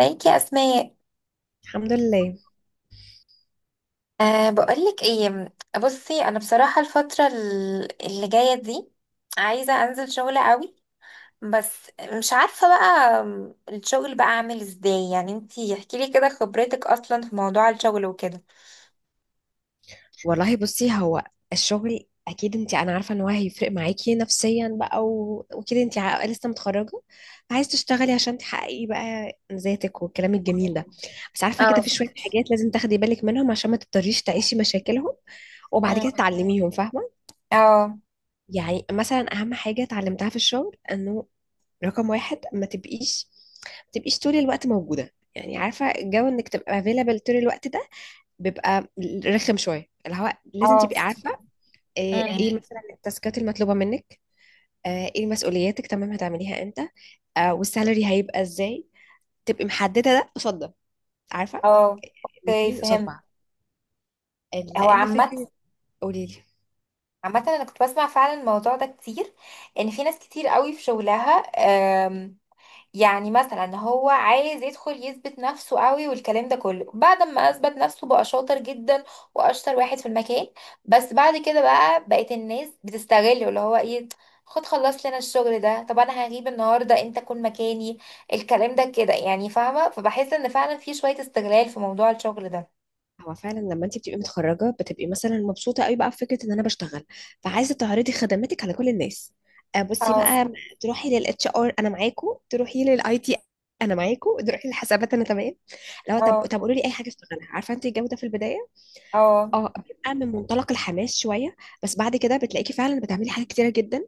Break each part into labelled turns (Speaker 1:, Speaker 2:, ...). Speaker 1: ازيك يا اسماء؟
Speaker 2: الحمد لله.
Speaker 1: أه، بقولك ايه. بصي، انا بصراحه الفتره اللي جايه دي عايزه انزل شغل قوي. بس مش عارفه بقى، الشغل بقى اعمل ازاي؟ يعني انتي احكي لي كده خبرتك اصلا في موضوع الشغل وكده.
Speaker 2: والله بصي، هو الشغل اكيد انا عارفه ان هو هيفرق معاكي نفسيا بقى وكده. انت لسه متخرجه، عايز تشتغلي عشان تحققي بقى ذاتك والكلام الجميل ده. بس عارفه
Speaker 1: اه.
Speaker 2: كده، في شويه حاجات لازم تاخدي بالك منهم عشان ما تضطريش تعيشي مشاكلهم وبعد
Speaker 1: مم.
Speaker 2: كده تعلميهم، فاهمه؟
Speaker 1: اه.
Speaker 2: يعني مثلا اهم حاجه اتعلمتها في الشغل انه رقم واحد ما تبقيش طول الوقت موجوده. يعني عارفه جو انك تبقى available طول الوقت ده بيبقى رخم شويه، اللي هو لازم
Speaker 1: اه.
Speaker 2: تبقي عارفه
Speaker 1: مم.
Speaker 2: ايه مثلا التاسكات المطلوبه منك، ايه مسؤولياتك، تمام هتعمليها امتى، والسالري هيبقى ازاي. تبقي محدده ده قصاد ده، عارفه؟
Speaker 1: اه، اوكي،
Speaker 2: الاثنين قصاد
Speaker 1: فهمت.
Speaker 2: بعض.
Speaker 1: هو
Speaker 2: لان
Speaker 1: عامه
Speaker 2: فكره، قولي لي،
Speaker 1: عامه انا كنت بسمع فعلا الموضوع ده كتير، ان في ناس كتير قوي في شغلها. يعني مثلا هو عايز يدخل يثبت نفسه قوي والكلام ده كله، بعد ما اثبت نفسه بقى شاطر جدا واشطر واحد في المكان، بس بعد كده بقى بقت الناس بتستغله. اللي هو ايه، خد خلص لنا الشغل ده، طب انا هغيب النهارده انت كن مكاني. الكلام ده كده يعني، فاهمه؟ فبحس ان فعلا في شويه استغلال في موضوع الشغل ده.
Speaker 2: هو فعلا لما انت بتبقي متخرجه بتبقي مثلا مبسوطه قوي بقى بفكره ان انا بشتغل، فعايزه تعرضي خدماتك على كل الناس. بصي
Speaker 1: اه.
Speaker 2: بقى، تروحي للاتش ار انا معاكو، تروحي للاي تي انا معاكو، تروحي للحسابات انا تمام. لو طب
Speaker 1: اه.
Speaker 2: طب قولوا لي اي حاجه اشتغلها، عارفه انت الجو ده في البدايه
Speaker 1: اه.
Speaker 2: اه بيبقى من منطلق الحماس شويه. بس بعد كده بتلاقيكي فعلا بتعملي حاجات كتيره جدا.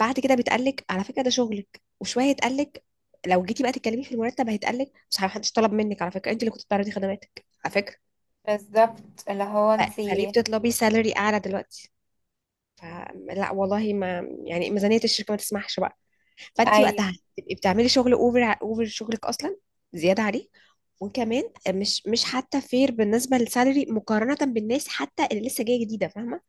Speaker 2: بعد كده بيتقالك على فكره ده شغلك، وشويه يتقالك لو جيتي بقى تتكلمي في المرتب هيتقالك مش محدش طلب منك على فكره، انت اللي كنت بتعرضي خدماتك على فكره،
Speaker 1: بالظبط، اللي هو
Speaker 2: فليه
Speaker 1: انتي.
Speaker 2: بتطلبي سالري اعلى دلوقتي؟ فلا والله، ما يعني ميزانيه الشركه ما تسمحش بقى. فانت
Speaker 1: ايوه،
Speaker 2: وقتها تبقي بتعملي شغل اوفر اوفر شغلك اصلا، زياده عليه، وكمان مش حتى فير بالنسبه للسالري مقارنه بالناس حتى اللي لسه جايه جديده، فاهمه؟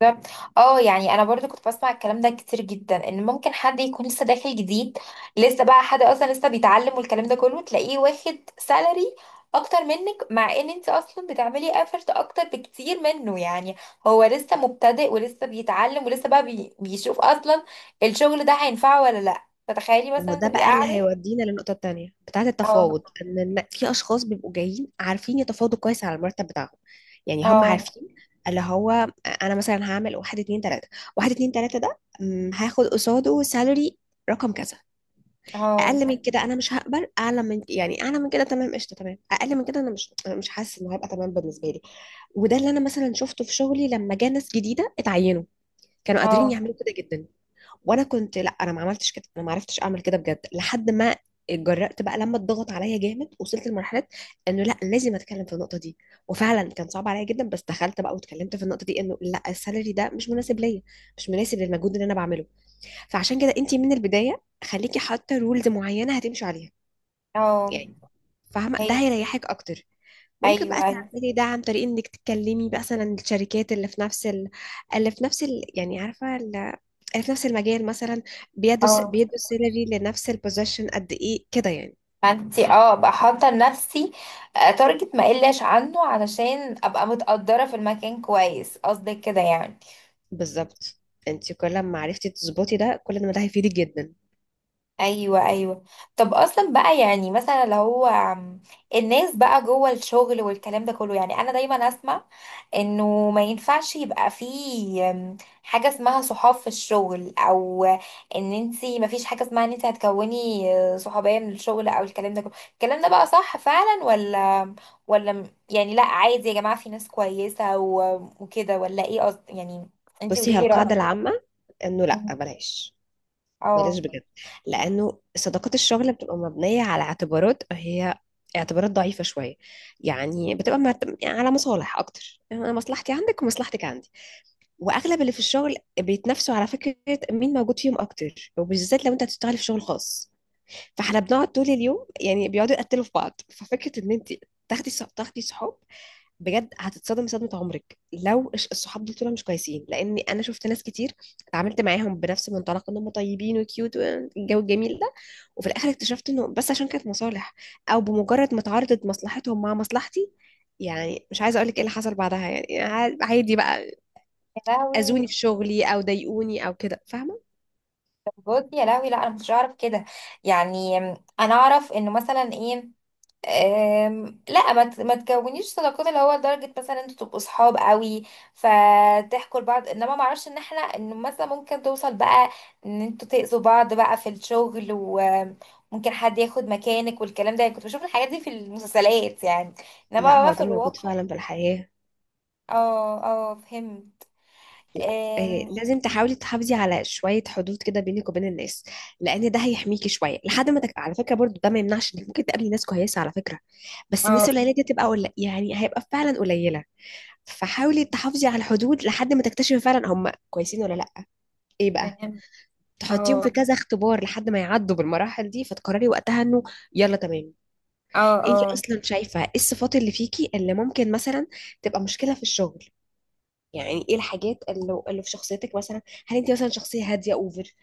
Speaker 1: بالظبط. اه يعني انا برضو كنت بسمع الكلام ده كتير جدا، ان ممكن حد يكون لسه داخل جديد، لسه بقى حد اصلا لسه بيتعلم والكلام ده كله، تلاقيه واخد سالري اكتر منك، مع ان انت اصلا بتعملي افورت اكتر بكتير منه. يعني هو لسه مبتدئ ولسه بيتعلم ولسه بقى بيشوف اصلا الشغل ده هينفعه ولا لا. فتخيلي
Speaker 2: ما هو
Speaker 1: مثلا
Speaker 2: ده
Speaker 1: تبقي
Speaker 2: بقى اللي
Speaker 1: قاعده.
Speaker 2: هيودينا للنقطة التانية بتاعة
Speaker 1: اه.
Speaker 2: التفاوض. ان في اشخاص بيبقوا جايين عارفين يتفاوضوا كويس على المرتب بتاعهم. يعني هم
Speaker 1: اه.
Speaker 2: عارفين اللي هو انا مثلا هعمل واحد اتنين تلاتة، واحد اتنين تلاتة ده هاخد قصاده سالري رقم كذا.
Speaker 1: اه.
Speaker 2: اقل من كده انا مش هقبل، اعلى من، يعني اعلى من كده تمام قشطه تمام، اقل من كده انا مش حاسس انه هيبقى تمام بالنسبه لي. وده اللي انا مثلا شفته في شغلي لما جه ناس جديده اتعينوا، كانوا قادرين
Speaker 1: اه.
Speaker 2: يعملوا كده جدا. وانا كنت لا، انا ما عملتش كده، انا ما عرفتش اعمل كده بجد لحد ما اتجرأت بقى لما اتضغط عليا جامد، وصلت لمرحله انه لا، لازم اتكلم في النقطه دي. وفعلا كان صعب عليا جدا، بس دخلت بقى واتكلمت في النقطه دي انه لا، السالري ده مش مناسب ليا، مش مناسب للمجهود اللي انا بعمله. فعشان كده انت من البدايه خليكي حاطه رولز معينه هتمشي عليها
Speaker 1: اه.
Speaker 2: يعني، فاهمه؟
Speaker 1: هي
Speaker 2: ده
Speaker 1: دي.
Speaker 2: هيريحك اكتر. ممكن بقى
Speaker 1: ايوه، ايوه.
Speaker 2: تعملي ده عن طريق انك تتكلمي بقى مثلا الشركات اللي في نفس اللي في نفس يعني عارفه اللي في نفس المجال مثلا، بيدوا
Speaker 1: اه،
Speaker 2: بيدوا سيلري لنفس البوزيشن قد ايه كده يعني.
Speaker 1: ما انتي اه ابقى حاطه لنفسي تارجت ما اقلش عنه، علشان ابقى متقدره في المكان كويس. قصدك كده يعني؟
Speaker 2: بالظبط. انت كل ما عرفتي تظبطي ده، كل ما ده هيفيدك جدا.
Speaker 1: ايوه، ايوه. طب اصلا بقى، يعني مثلا لو هو الناس بقى جوه الشغل والكلام ده كله، يعني انا دايما اسمع انه ما ينفعش يبقى فيه حاجه اسمها صحاب في الشغل. او ان انتي ما فيش حاجه اسمها ان انتي هتكوني صحوبيه من الشغل او الكلام ده كله. الكلام ده بقى صح فعلا ولا يعني لا، عادي يا جماعه في ناس كويسه وكده، ولا ايه قصد يعني؟ انتي
Speaker 2: بصي، هي
Speaker 1: قوليلي
Speaker 2: القاعده
Speaker 1: رايك.
Speaker 2: العامه انه لا، بلاش، بلاش
Speaker 1: اه.
Speaker 2: بجد. لانه صداقات الشغل بتبقى مبنيه على اعتبارات، هي اعتبارات ضعيفه شويه. يعني بتبقى على مصالح اكتر، يعني انا مصلحتي عندك ومصلحتك عندي. واغلب اللي في الشغل بيتنافسوا على فكره مين موجود فيهم اكتر، وبالذات لو انت هتشتغلي في شغل خاص، فاحنا بنقعد طول اليوم، يعني بيقعدوا يقتلوا في بعض. ففكره ان انت تاخدي صحاب، بجد هتتصدمي صدمه عمرك لو الصحاب دول طول مش كويسين. لان انا شفت ناس كتير اتعاملت معاهم بنفس منطلق ان هم طيبين وكيوت والجو الجميل ده، وفي الاخر اكتشفت انه بس عشان كانت مصالح، او بمجرد ما تعارضت مصلحتهم مع مصلحتي، يعني مش عايزه اقول لك ايه اللي حصل بعدها، يعني عادي بقى،
Speaker 1: يا لهوي.
Speaker 2: اذوني في شغلي او ضايقوني او كده، فاهمه؟
Speaker 1: بجد يا لهوي، لا انا مش اعرف كده. يعني انا اعرف انه مثلا ايه، لا ما تكونيش صداقات، اللي هو لدرجه مثلا انتوا تبقوا صحاب قوي فتحكوا لبعض. انما ما اعرفش ان احنا انه مثلا ممكن توصل بقى، ان انتوا تاذوا بعض بقى في الشغل وممكن حد ياخد مكانك والكلام ده. يعني كنت بشوف الحاجات دي في المسلسلات، يعني
Speaker 2: لا
Speaker 1: انما بقى
Speaker 2: هو
Speaker 1: في
Speaker 2: ده موجود
Speaker 1: الواقع.
Speaker 2: فعلا في الحياة.
Speaker 1: اه، اه، فهمت.
Speaker 2: لا، إيه،
Speaker 1: أم،
Speaker 2: لازم تحاولي تحافظي على شويه حدود كده بينك وبين الناس، لان ده هيحميكي شويه لحد ما على فكره برضو ده ما يمنعش انك ممكن تقابلي ناس كويسه على فكره، بس
Speaker 1: اه،
Speaker 2: الناس القليله دي تبقى يعني هيبقى فعلا قليله. فحاولي تحافظي على الحدود لحد ما تكتشفي فعلا هم كويسين ولا لا. ايه بقى،
Speaker 1: فهمت.
Speaker 2: تحطيهم في
Speaker 1: اه.
Speaker 2: كذا اختبار لحد ما يعدوا بالمراحل دي، فتقرري وقتها انه يلا تمام.
Speaker 1: اه.
Speaker 2: انت
Speaker 1: اه.
Speaker 2: اصلا شايفه ايه الصفات اللي فيكي اللي ممكن مثلا تبقى مشكله في الشغل؟ يعني ايه الحاجات اللي، اللي في شخصيتك مثلا؟ هل انت مثلا شخصيه هاديه اوفر؟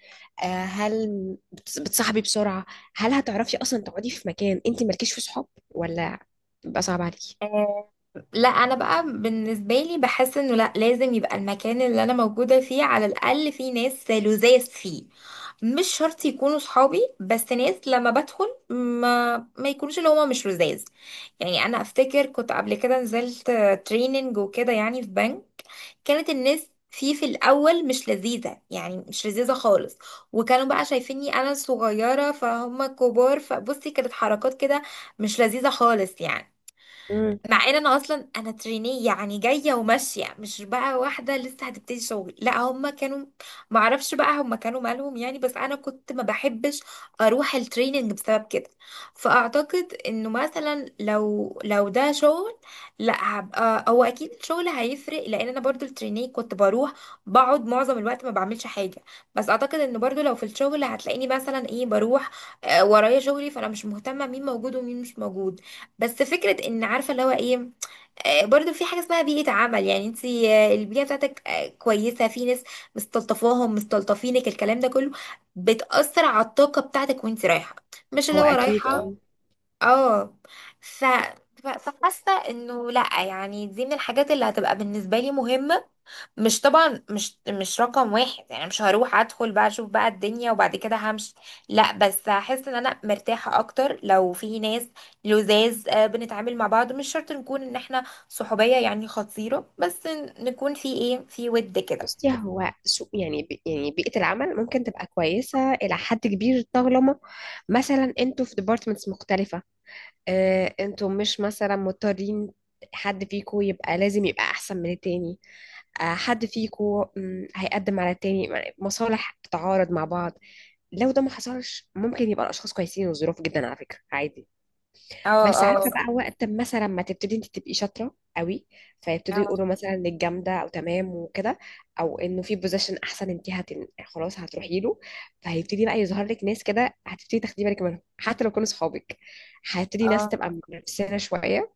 Speaker 2: آه، هل بتصاحبي بسرعه؟ هل هتعرفي اصلا تقعدي في مكان انت مالكيش في صحاب، ولا بيبقى صعب عليكي؟
Speaker 1: آه، لا، انا بقى بالنسبه لي بحس انه لا، لازم يبقى المكان اللي انا موجوده فيه على الاقل فيه ناس لذاذ فيه. مش شرط يكونوا صحابي، بس ناس لما بدخل ما يكونوش اللي هما مش لذاذ يعني. انا افتكر كنت قبل كده نزلت تريننج وكده، يعني في بنك، كانت الناس فيه في الاول مش لذيذه، يعني مش لذيذه خالص. وكانوا بقى شايفيني انا صغيره فهم كبار، فبصي كانت حركات كده مش لذيذه خالص يعني.
Speaker 2: امم،
Speaker 1: مع ان انا اصلا تريني يعني جايه وماشيه، مش بقى واحده لسه هتبتدي شغل. لا هم كانوا، ما اعرفش بقى، هم كانوا مالهم يعني. بس انا كنت ما بحبش اروح التريننج بسبب كده. فاعتقد انه مثلا لو ده شغل، لا هبقى. هو اكيد الشغل هيفرق، لان انا برضو التريني كنت بروح بقعد معظم الوقت ما بعملش حاجه. بس اعتقد ان برضو لو في الشغل هتلاقيني مثلا ايه، بروح ورايا شغلي، فانا مش مهتمه مين موجود ومين مش موجود. بس فكرة ان عارفة اللي هو ايه، برضو في حاجة اسمها بيئة عمل. يعني انت البيئة بتاعتك كويسة، في ناس مستلطفاهم مستلطفينك، الكلام ده كله بتأثر على الطاقة بتاعتك وانت رايحة. مش اللي
Speaker 2: هو
Speaker 1: هو
Speaker 2: اكيد اه.
Speaker 1: رايحة. اه. ف... فحاسه انه لا يعني، دي من الحاجات اللي هتبقى بالنسبه لي مهمه. مش طبعا، مش رقم واحد يعني. مش هروح ادخل بقى اشوف بقى الدنيا وبعد كده همشي، لا، بس هحس ان انا مرتاحه اكتر لو في ناس لزاز، بنتعامل مع بعض، مش شرط نكون ان احنا صحوبيه يعني خطيره، بس نكون في ايه، في ود كده.
Speaker 2: بصي، هو سوق يعني يعني بيئه العمل ممكن تبقى كويسه الى حد كبير طالما مثلا انتوا في ديبارتمنتس مختلفه. انتوا مش مثلا مضطرين حد فيكو يبقى لازم يبقى احسن من التاني، حد فيكو هيقدم على التاني، مصالح بتتعارض مع بعض. لو ده ما حصلش ممكن يبقى الاشخاص كويسين وظروف جدا على فكرة، عادي.
Speaker 1: اه.
Speaker 2: بس عارفه
Speaker 1: اه.
Speaker 2: بقى، وقت ما مثلا ما تبتدي انت تبقي شاطره قوي، فيبتدوا
Speaker 1: اه.
Speaker 2: يقولوا مثلا انك جامده او تمام وكده، او انه في بوزيشن احسن انت خلاص هتروحي له، فهيبتدي بقى يظهر لك ناس كده هتبتدي تاخدي بالك منهم حتى لو كانوا صحابك. هتبتدي ناس
Speaker 1: اه.
Speaker 2: تبقى منافسانه شويه،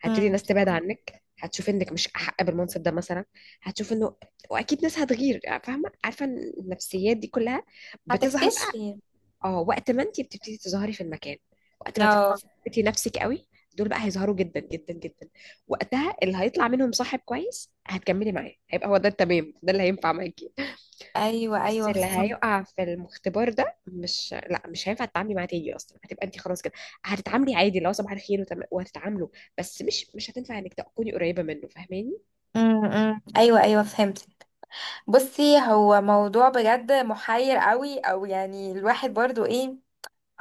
Speaker 2: هتبتدي
Speaker 1: مم.
Speaker 2: ناس تبعد عنك، هتشوف انك مش احق بالمنصب ده مثلا، هتشوف انه، واكيد ناس هتغير، فاهمه؟ عارفه إن النفسيات دي كلها بتظهر
Speaker 1: هتكتشفي.
Speaker 2: اه وقت ما انت بتبتدي تظهري في المكان، وقت ما
Speaker 1: اه.
Speaker 2: تثبتي نفسك قوي. دول بقى هيظهروا جدا جدا جدا. وقتها اللي هيطلع منهم صاحب كويس هتكملي معاه، هيبقى هو ده التمام، ده اللي هينفع معاكي.
Speaker 1: ايوه،
Speaker 2: بس
Speaker 1: ايوه،
Speaker 2: اللي
Speaker 1: فهمت.
Speaker 2: هيقع في المختبر ده مش، لا مش هينفع تتعاملي معاه تاني اصلا. هتبقى انت خلاص كده هتتعاملي عادي، لو صباح الخير وهتتعاملوا، بس مش هتنفع انك تكوني قريبه منه، فاهماني؟
Speaker 1: ايوه، ايوه، فهمت. بصي، هو موضوع بجد محير قوي، او يعني الواحد برضو ايه،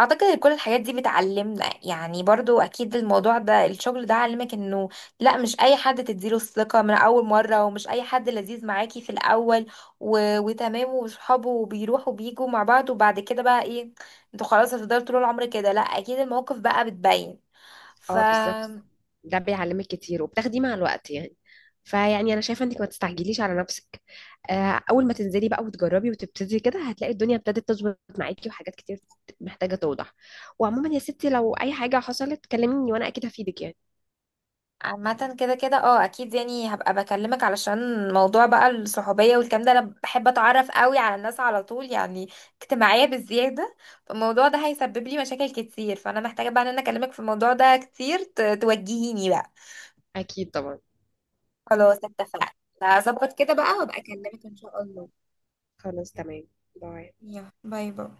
Speaker 1: اعتقد ان كل الحاجات دي بتعلمنا. يعني برضو اكيد الموضوع ده، الشغل ده علمك انه لا، مش اي حد تديله الثقة من اول مرة، ومش اي حد لذيذ معاكي في الاول وتمام وصحابه وبيروحوا بيجوا مع بعض، وبعد كده بقى ايه انتوا خلاص هتفضلوا طول العمر كده. لا، اكيد المواقف بقى بتبين. ف
Speaker 2: اه بالظبط. ده بيعلمك كتير، وبتاخديه مع الوقت يعني. فيعني انا شايفه انك ما تستعجليش على نفسك. اول ما تنزلي بقى وتجربي وتبتدي كده، هتلاقي الدنيا ابتدت تظبط معاكي، وحاجات كتير محتاجه توضح. وعموما يا ستي، لو اي حاجه حصلت كلميني، وانا اكيد هفيدك يعني.
Speaker 1: عامة كده كده اه، اكيد. يعني هبقى بكلمك علشان موضوع بقى الصحوبية والكلام ده، انا بحب اتعرف قوي على الناس على طول يعني، اجتماعية بالزيادة. فالموضوع ده هيسبب لي مشاكل كتير، فانا محتاجة بقى ان انا اكلمك في الموضوع ده كتير، توجهيني بقى.
Speaker 2: اكيد طبعا.
Speaker 1: خلاص، اتفقنا. هظبط كده بقى وابقى اكلمك ان شاء الله.
Speaker 2: خلاص تمام. باي.
Speaker 1: يلا، باي باي.